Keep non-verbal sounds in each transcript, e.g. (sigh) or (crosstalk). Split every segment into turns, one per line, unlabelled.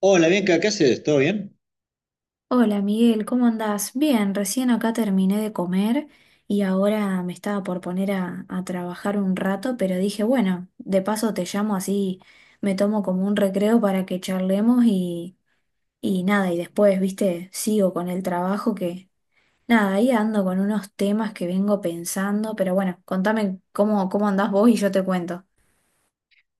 Hola, Bianca, ¿qué haces? ¿Todo bien?
Hola Miguel, ¿cómo andás? Bien, recién acá terminé de comer y ahora me estaba por poner a trabajar un rato, pero dije, bueno, de paso te llamo así, me tomo como un recreo para que charlemos y nada, y después, viste, sigo con el trabajo que, nada, ahí ando con unos temas que vengo pensando, pero bueno, contame cómo andás vos y yo te cuento.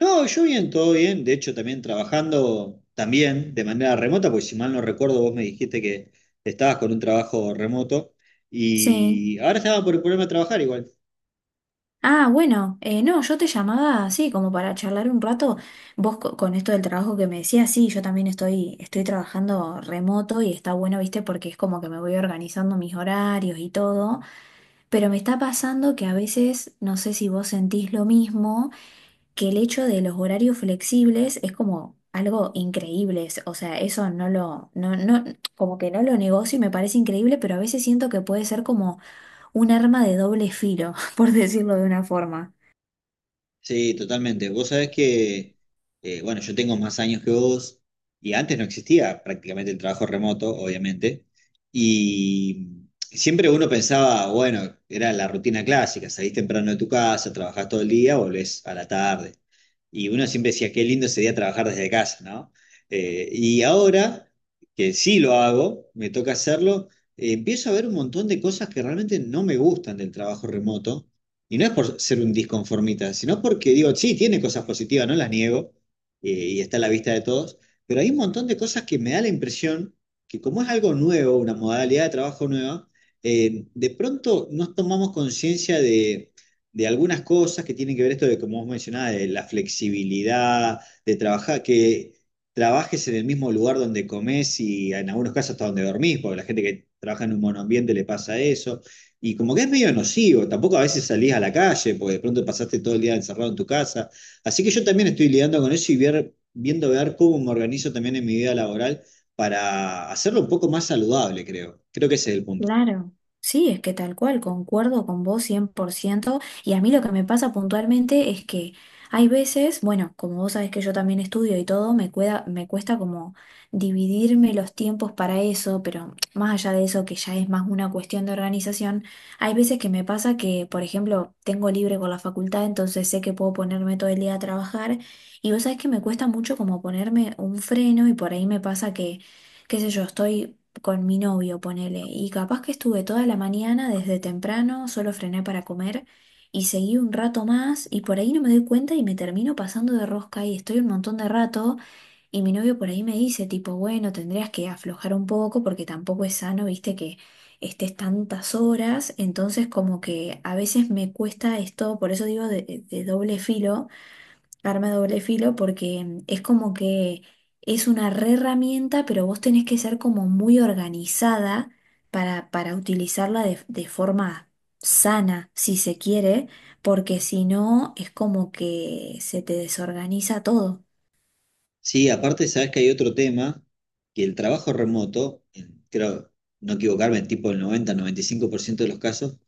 No, yo bien, todo bien. De hecho, también trabajando también de manera remota, porque si mal no recuerdo, vos me dijiste que estabas con un trabajo remoto
Sí.
y ahora estaba por ponerme a trabajar igual.
Ah, bueno, no, yo te llamaba así como para charlar un rato. Vos con esto del trabajo que me decías, sí, yo también estoy trabajando remoto y está bueno, viste, porque es como que me voy organizando mis horarios y todo. Pero me está pasando que a veces, no sé si vos sentís lo mismo, que el hecho de los horarios flexibles es como algo increíble. O sea, eso no lo, como que no lo negocio y me parece increíble, pero a veces siento que puede ser como un arma de doble filo, (laughs) por decirlo de una forma.
Sí, totalmente. Vos sabés que, bueno, yo tengo más años que vos y antes no existía prácticamente el trabajo remoto, obviamente. Y siempre uno pensaba, bueno, era la rutina clásica, salís temprano de tu casa, trabajás todo el día, volvés a la tarde. Y uno siempre decía, qué lindo sería trabajar desde casa, ¿no? Y ahora que sí lo hago, me toca hacerlo, empiezo a ver un montón de cosas que realmente no me gustan del trabajo remoto y no es por ser un disconformista, sino porque digo, sí, tiene cosas positivas, no las niego, y está a la vista de todos, pero hay un montón de cosas que me da la impresión que como es algo nuevo, una modalidad de trabajo nueva, de pronto nos tomamos conciencia de algunas cosas que tienen que ver esto de, como vos mencionabas, de la flexibilidad, de trabajar, que trabajes en el mismo lugar donde comes y en algunos casos hasta donde dormís, porque la gente que trabaja en un monoambiente le pasa eso y como que es medio nocivo, tampoco a veces salís a la calle, porque de pronto pasaste todo el día encerrado en tu casa. Así que yo también estoy lidiando con eso y viendo ver cómo me organizo también en mi vida laboral para hacerlo un poco más saludable, creo. Creo que ese es el punto.
Claro, sí, es que tal cual, concuerdo con vos 100%. Y a mí lo que me pasa puntualmente es que hay veces, bueno, como vos sabés que yo también estudio y todo, me cuesta como dividirme los tiempos para eso, pero más allá de eso que ya es más una cuestión de organización, hay veces que me pasa que, por ejemplo, tengo libre con la facultad, entonces sé que puedo ponerme todo el día a trabajar y vos sabés que me cuesta mucho como ponerme un freno y por ahí me pasa que, qué sé yo, estoy con mi novio, ponele, y capaz que estuve toda la mañana desde temprano, solo frené para comer y seguí un rato más y por ahí no me doy cuenta y me termino pasando de rosca y estoy un montón de rato y mi novio por ahí me dice tipo, bueno, tendrías que aflojar un poco porque tampoco es sano, viste, que estés tantas horas, entonces como que a veces me cuesta esto, por eso digo de doble filo arma de doble filo porque es como que es una re herramienta, pero vos tenés que ser como muy organizada para utilizarla de forma sana, si se quiere, porque si no es como que se te desorganiza todo.
Sí, aparte sabes que hay otro tema, que el trabajo remoto, creo no equivocarme, tipo el 90, 95% de los casos,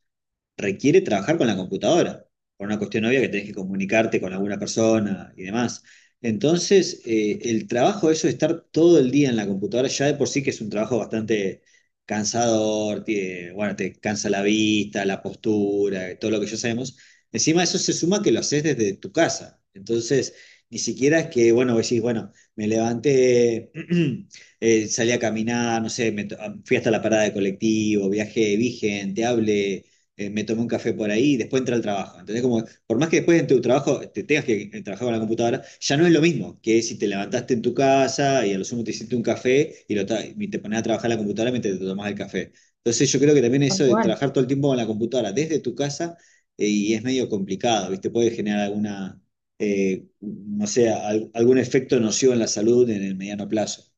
requiere trabajar con la computadora, por una cuestión obvia que tenés que comunicarte con alguna persona y demás. Entonces, el trabajo de eso de estar todo el día en la computadora ya de por sí que es un trabajo bastante cansador, bueno, te cansa la vista, la postura, todo lo que ya sabemos. Encima eso se suma que lo haces desde tu casa. Entonces, ni siquiera es que, bueno, vos decís, bueno, me levanté, (clears throat) salí a caminar, no sé, fui hasta la parada de colectivo, viajé, vi gente, hablé, me tomo un café por ahí y después entra al trabajo. ¿Entendés? Como, por más que después en tu trabajo te tengas que trabajar con la computadora, ya no es lo mismo que si te levantaste en tu casa y a lo sumo te hiciste un café, y te pones a trabajar la computadora mientras te tomás el café. Entonces yo creo que también
Tal
eso de
cual.
trabajar todo el tiempo con la computadora desde tu casa y es medio complicado, ¿viste? Puede generar alguna, no sé, algún efecto nocivo en la salud en el mediano plazo.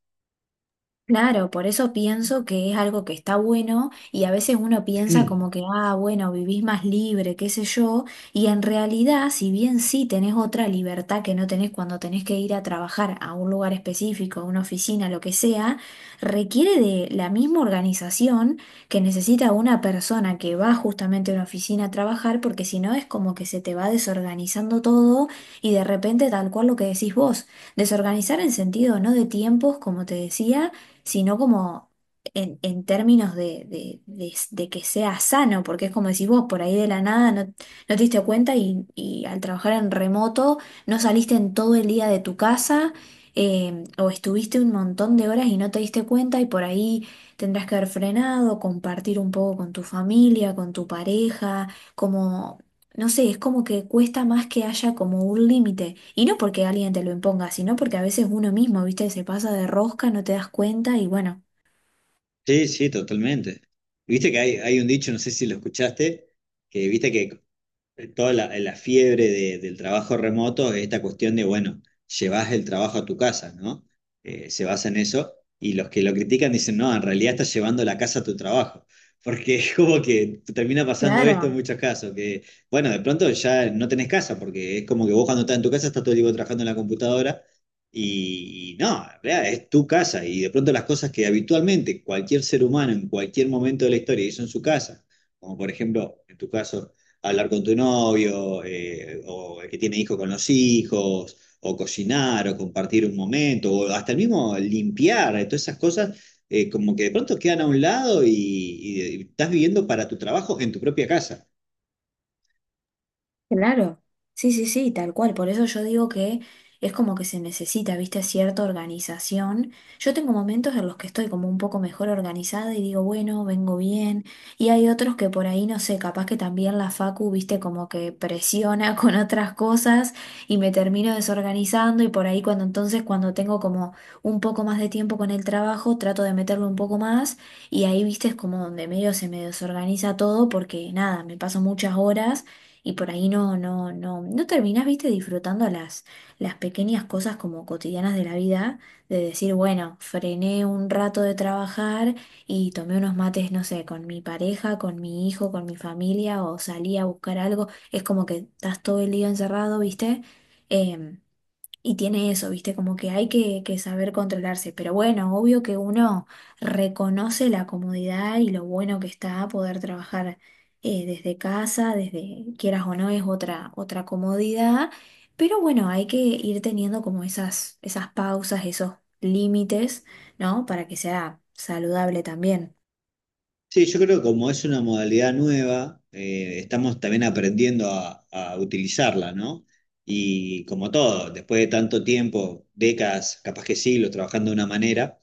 Claro, por eso pienso que es algo que está bueno y a veces uno piensa como
(clears throat)
que, ah, bueno, vivís más libre, qué sé yo, y en realidad, si bien sí tenés otra libertad que no tenés cuando tenés que ir a trabajar a un lugar específico, a una oficina, lo que sea, requiere de la misma organización que necesita una persona que va justamente a una oficina a trabajar, porque si no es como que se te va desorganizando todo y de repente tal cual lo que decís vos, desorganizar en sentido no de tiempos, como te decía, sino como en términos de, de que sea sano, porque es como decís vos, por ahí de la nada no te diste cuenta y al trabajar en remoto no saliste en todo el día de tu casa. O estuviste un montón de horas y no te diste cuenta y por ahí tendrás que haber frenado, compartir un poco con tu familia, con tu pareja, no sé, es como que cuesta más que haya como un límite. Y no porque alguien te lo imponga, sino porque a veces uno mismo, viste, se pasa de rosca, no te das cuenta y bueno.
Sí, sí, totalmente. Viste que hay un dicho, no sé si lo escuchaste, que viste que toda la fiebre del trabajo remoto es esta cuestión de, bueno, llevas el trabajo a tu casa, ¿no? Se basa en eso y los que lo critican dicen, no, en realidad estás llevando la casa a tu trabajo. Porque (laughs) es como que termina pasando esto en
Claro.
muchos casos, que bueno, de pronto ya no tenés casa, porque es como que vos cuando estás en tu casa estás todo el tiempo trabajando en la computadora y no, en realidad es tu casa y de pronto las cosas que habitualmente cualquier ser humano en cualquier momento de la historia hizo en su casa, como por ejemplo en tu caso hablar con tu novio, o el que tiene hijos con los hijos, o cocinar, o compartir un momento, o hasta el mismo limpiar, todas esas cosas, como que de pronto quedan a un lado y estás viviendo para tu trabajo en tu propia casa.
Claro, sí, sí, sí, tal cual. Por eso yo digo que es como que se necesita, viste, cierta organización. Yo tengo momentos en los que estoy como un poco mejor organizada y digo, bueno, vengo bien. Y hay otros que por ahí, no sé, capaz que también la facu, viste, como que presiona (laughs) con otras cosas y me termino desorganizando y por ahí cuando tengo como un poco más de tiempo con el trabajo, trato de meterlo un poco más y ahí, viste, es como donde medio se me desorganiza todo porque nada, me paso muchas horas y por ahí no terminás, viste, disfrutando las pequeñas cosas como cotidianas de la vida, de decir, bueno, frené un rato de trabajar y tomé unos mates, no sé, con mi pareja, con mi hijo, con mi familia, o salí a buscar algo, es como que estás todo el día encerrado, viste. Em, y tiene eso, ¿viste? Como que hay que saber controlarse. Pero bueno, obvio que uno reconoce la comodidad y lo bueno que está poder trabajar desde casa, desde quieras o no, es otra comodidad. Pero bueno, hay que ir teniendo como esas pausas, esos límites, ¿no? Para que sea saludable también.
Sí, yo creo que como es una modalidad nueva, estamos también aprendiendo a utilizarla, ¿no? Y como todo, después de tanto tiempo, décadas, capaz que siglos, trabajando de una manera.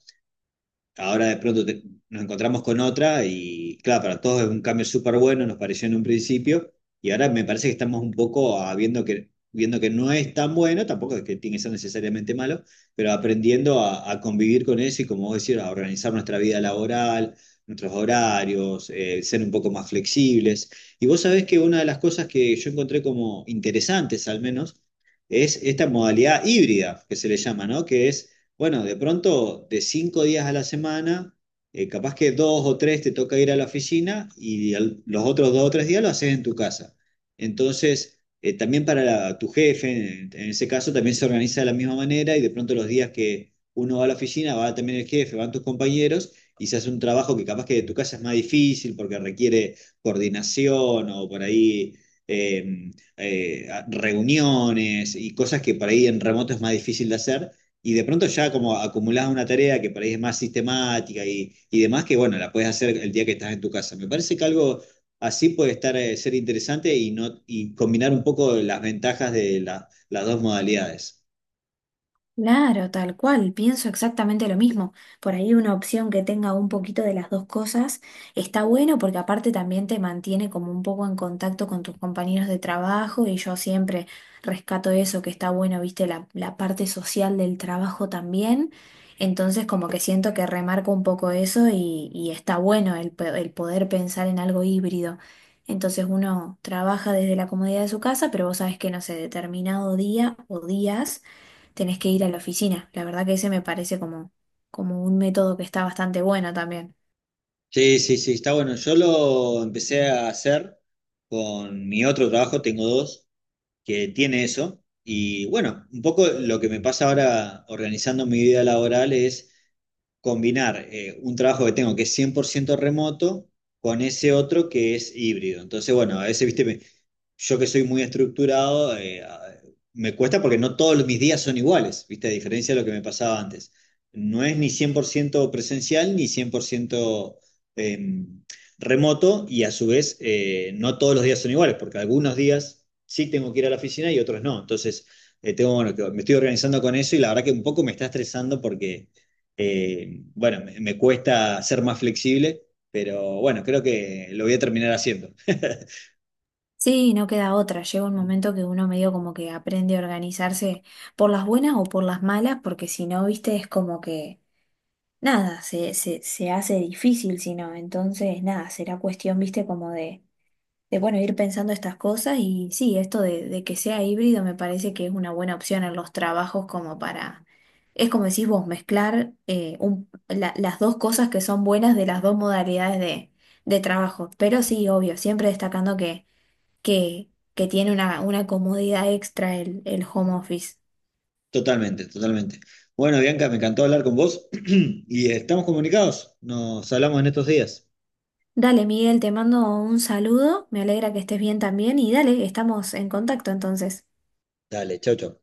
Ahora de pronto nos encontramos con otra y claro, para todos es un cambio súper bueno, nos pareció en un principio, y ahora me parece que estamos un poco viendo que no es tan bueno, tampoco es que tiene que ser necesariamente malo, pero aprendiendo a convivir con eso y como vos decís, a organizar nuestra vida laboral, nuestros horarios, ser un poco más flexibles. Y vos sabés que una de las cosas que yo encontré como interesantes al menos es esta modalidad híbrida que se le llama, ¿no? Que es bueno, de pronto, de cinco días a la semana, capaz que dos o tres te toca ir a la oficina y los otros dos o tres días lo haces en tu casa. Entonces, también para tu jefe, en ese caso, también se organiza de la misma manera y de pronto los días que uno va a la oficina, va también el jefe, van tus compañeros y se hace un trabajo que capaz que de tu casa es más difícil porque requiere coordinación o por ahí... em, reuniones y cosas que por ahí en remoto es más difícil de hacer, y de pronto ya como acumulás una tarea que por ahí es más sistemática y demás, que bueno, la puedes hacer el día que estás en tu casa. Me parece que algo así puede estar, ser interesante y, no, y combinar un poco las ventajas de las dos modalidades.
Claro, tal cual, pienso exactamente lo mismo. Por ahí una opción que tenga un poquito de las dos cosas está bueno porque aparte también te mantiene como un poco en contacto con tus compañeros de trabajo y yo siempre rescato eso que está bueno, viste, la parte social del trabajo también. Entonces como que siento que remarco un poco eso y está bueno el poder pensar en algo híbrido. Entonces uno trabaja desde la comodidad de su casa, pero vos sabés que no sé, determinado día o días tenés que ir a la oficina. La verdad que ese me parece como un método que está bastante bueno también.
Sí, sí, sí, está bueno. Yo lo empecé a hacer con mi otro trabajo, tengo dos, que tiene eso. Y bueno, un poco lo que me pasa ahora organizando mi vida laboral es combinar un trabajo que tengo que es 100% remoto con ese otro que es híbrido. Entonces, bueno, a veces, viste, yo que soy muy estructurado, me cuesta porque no todos mis días son iguales, ¿viste? A diferencia de lo que me pasaba antes. No es ni 100% presencial ni 100% em, remoto y a su vez no todos los días son iguales, porque algunos días sí tengo que ir a la oficina y otros no. Entonces, tengo, bueno, me estoy organizando con eso y la verdad que un poco me está estresando porque, bueno, me cuesta ser más flexible, pero bueno, creo que lo voy a terminar haciendo.
Sí, no queda otra. Llega un momento que uno medio como que aprende a organizarse por las buenas o por las malas, porque si no, viste, es como que nada, se hace difícil, si no. Entonces, nada, será cuestión, viste, como de bueno, ir pensando estas cosas y sí, esto de que sea híbrido me parece que es una buena opción en los trabajos como para, es como decís vos, mezclar las dos cosas que son buenas de las dos modalidades de trabajo. Pero sí, obvio, siempre destacando que tiene una comodidad extra el home office.
Totalmente, totalmente. Bueno, Bianca, me encantó hablar con vos (clears throat) y estamos comunicados. Nos hablamos en estos días.
Dale, Miguel, te mando un saludo, me alegra que estés bien también y dale, estamos en contacto entonces.
Dale, chau, chau.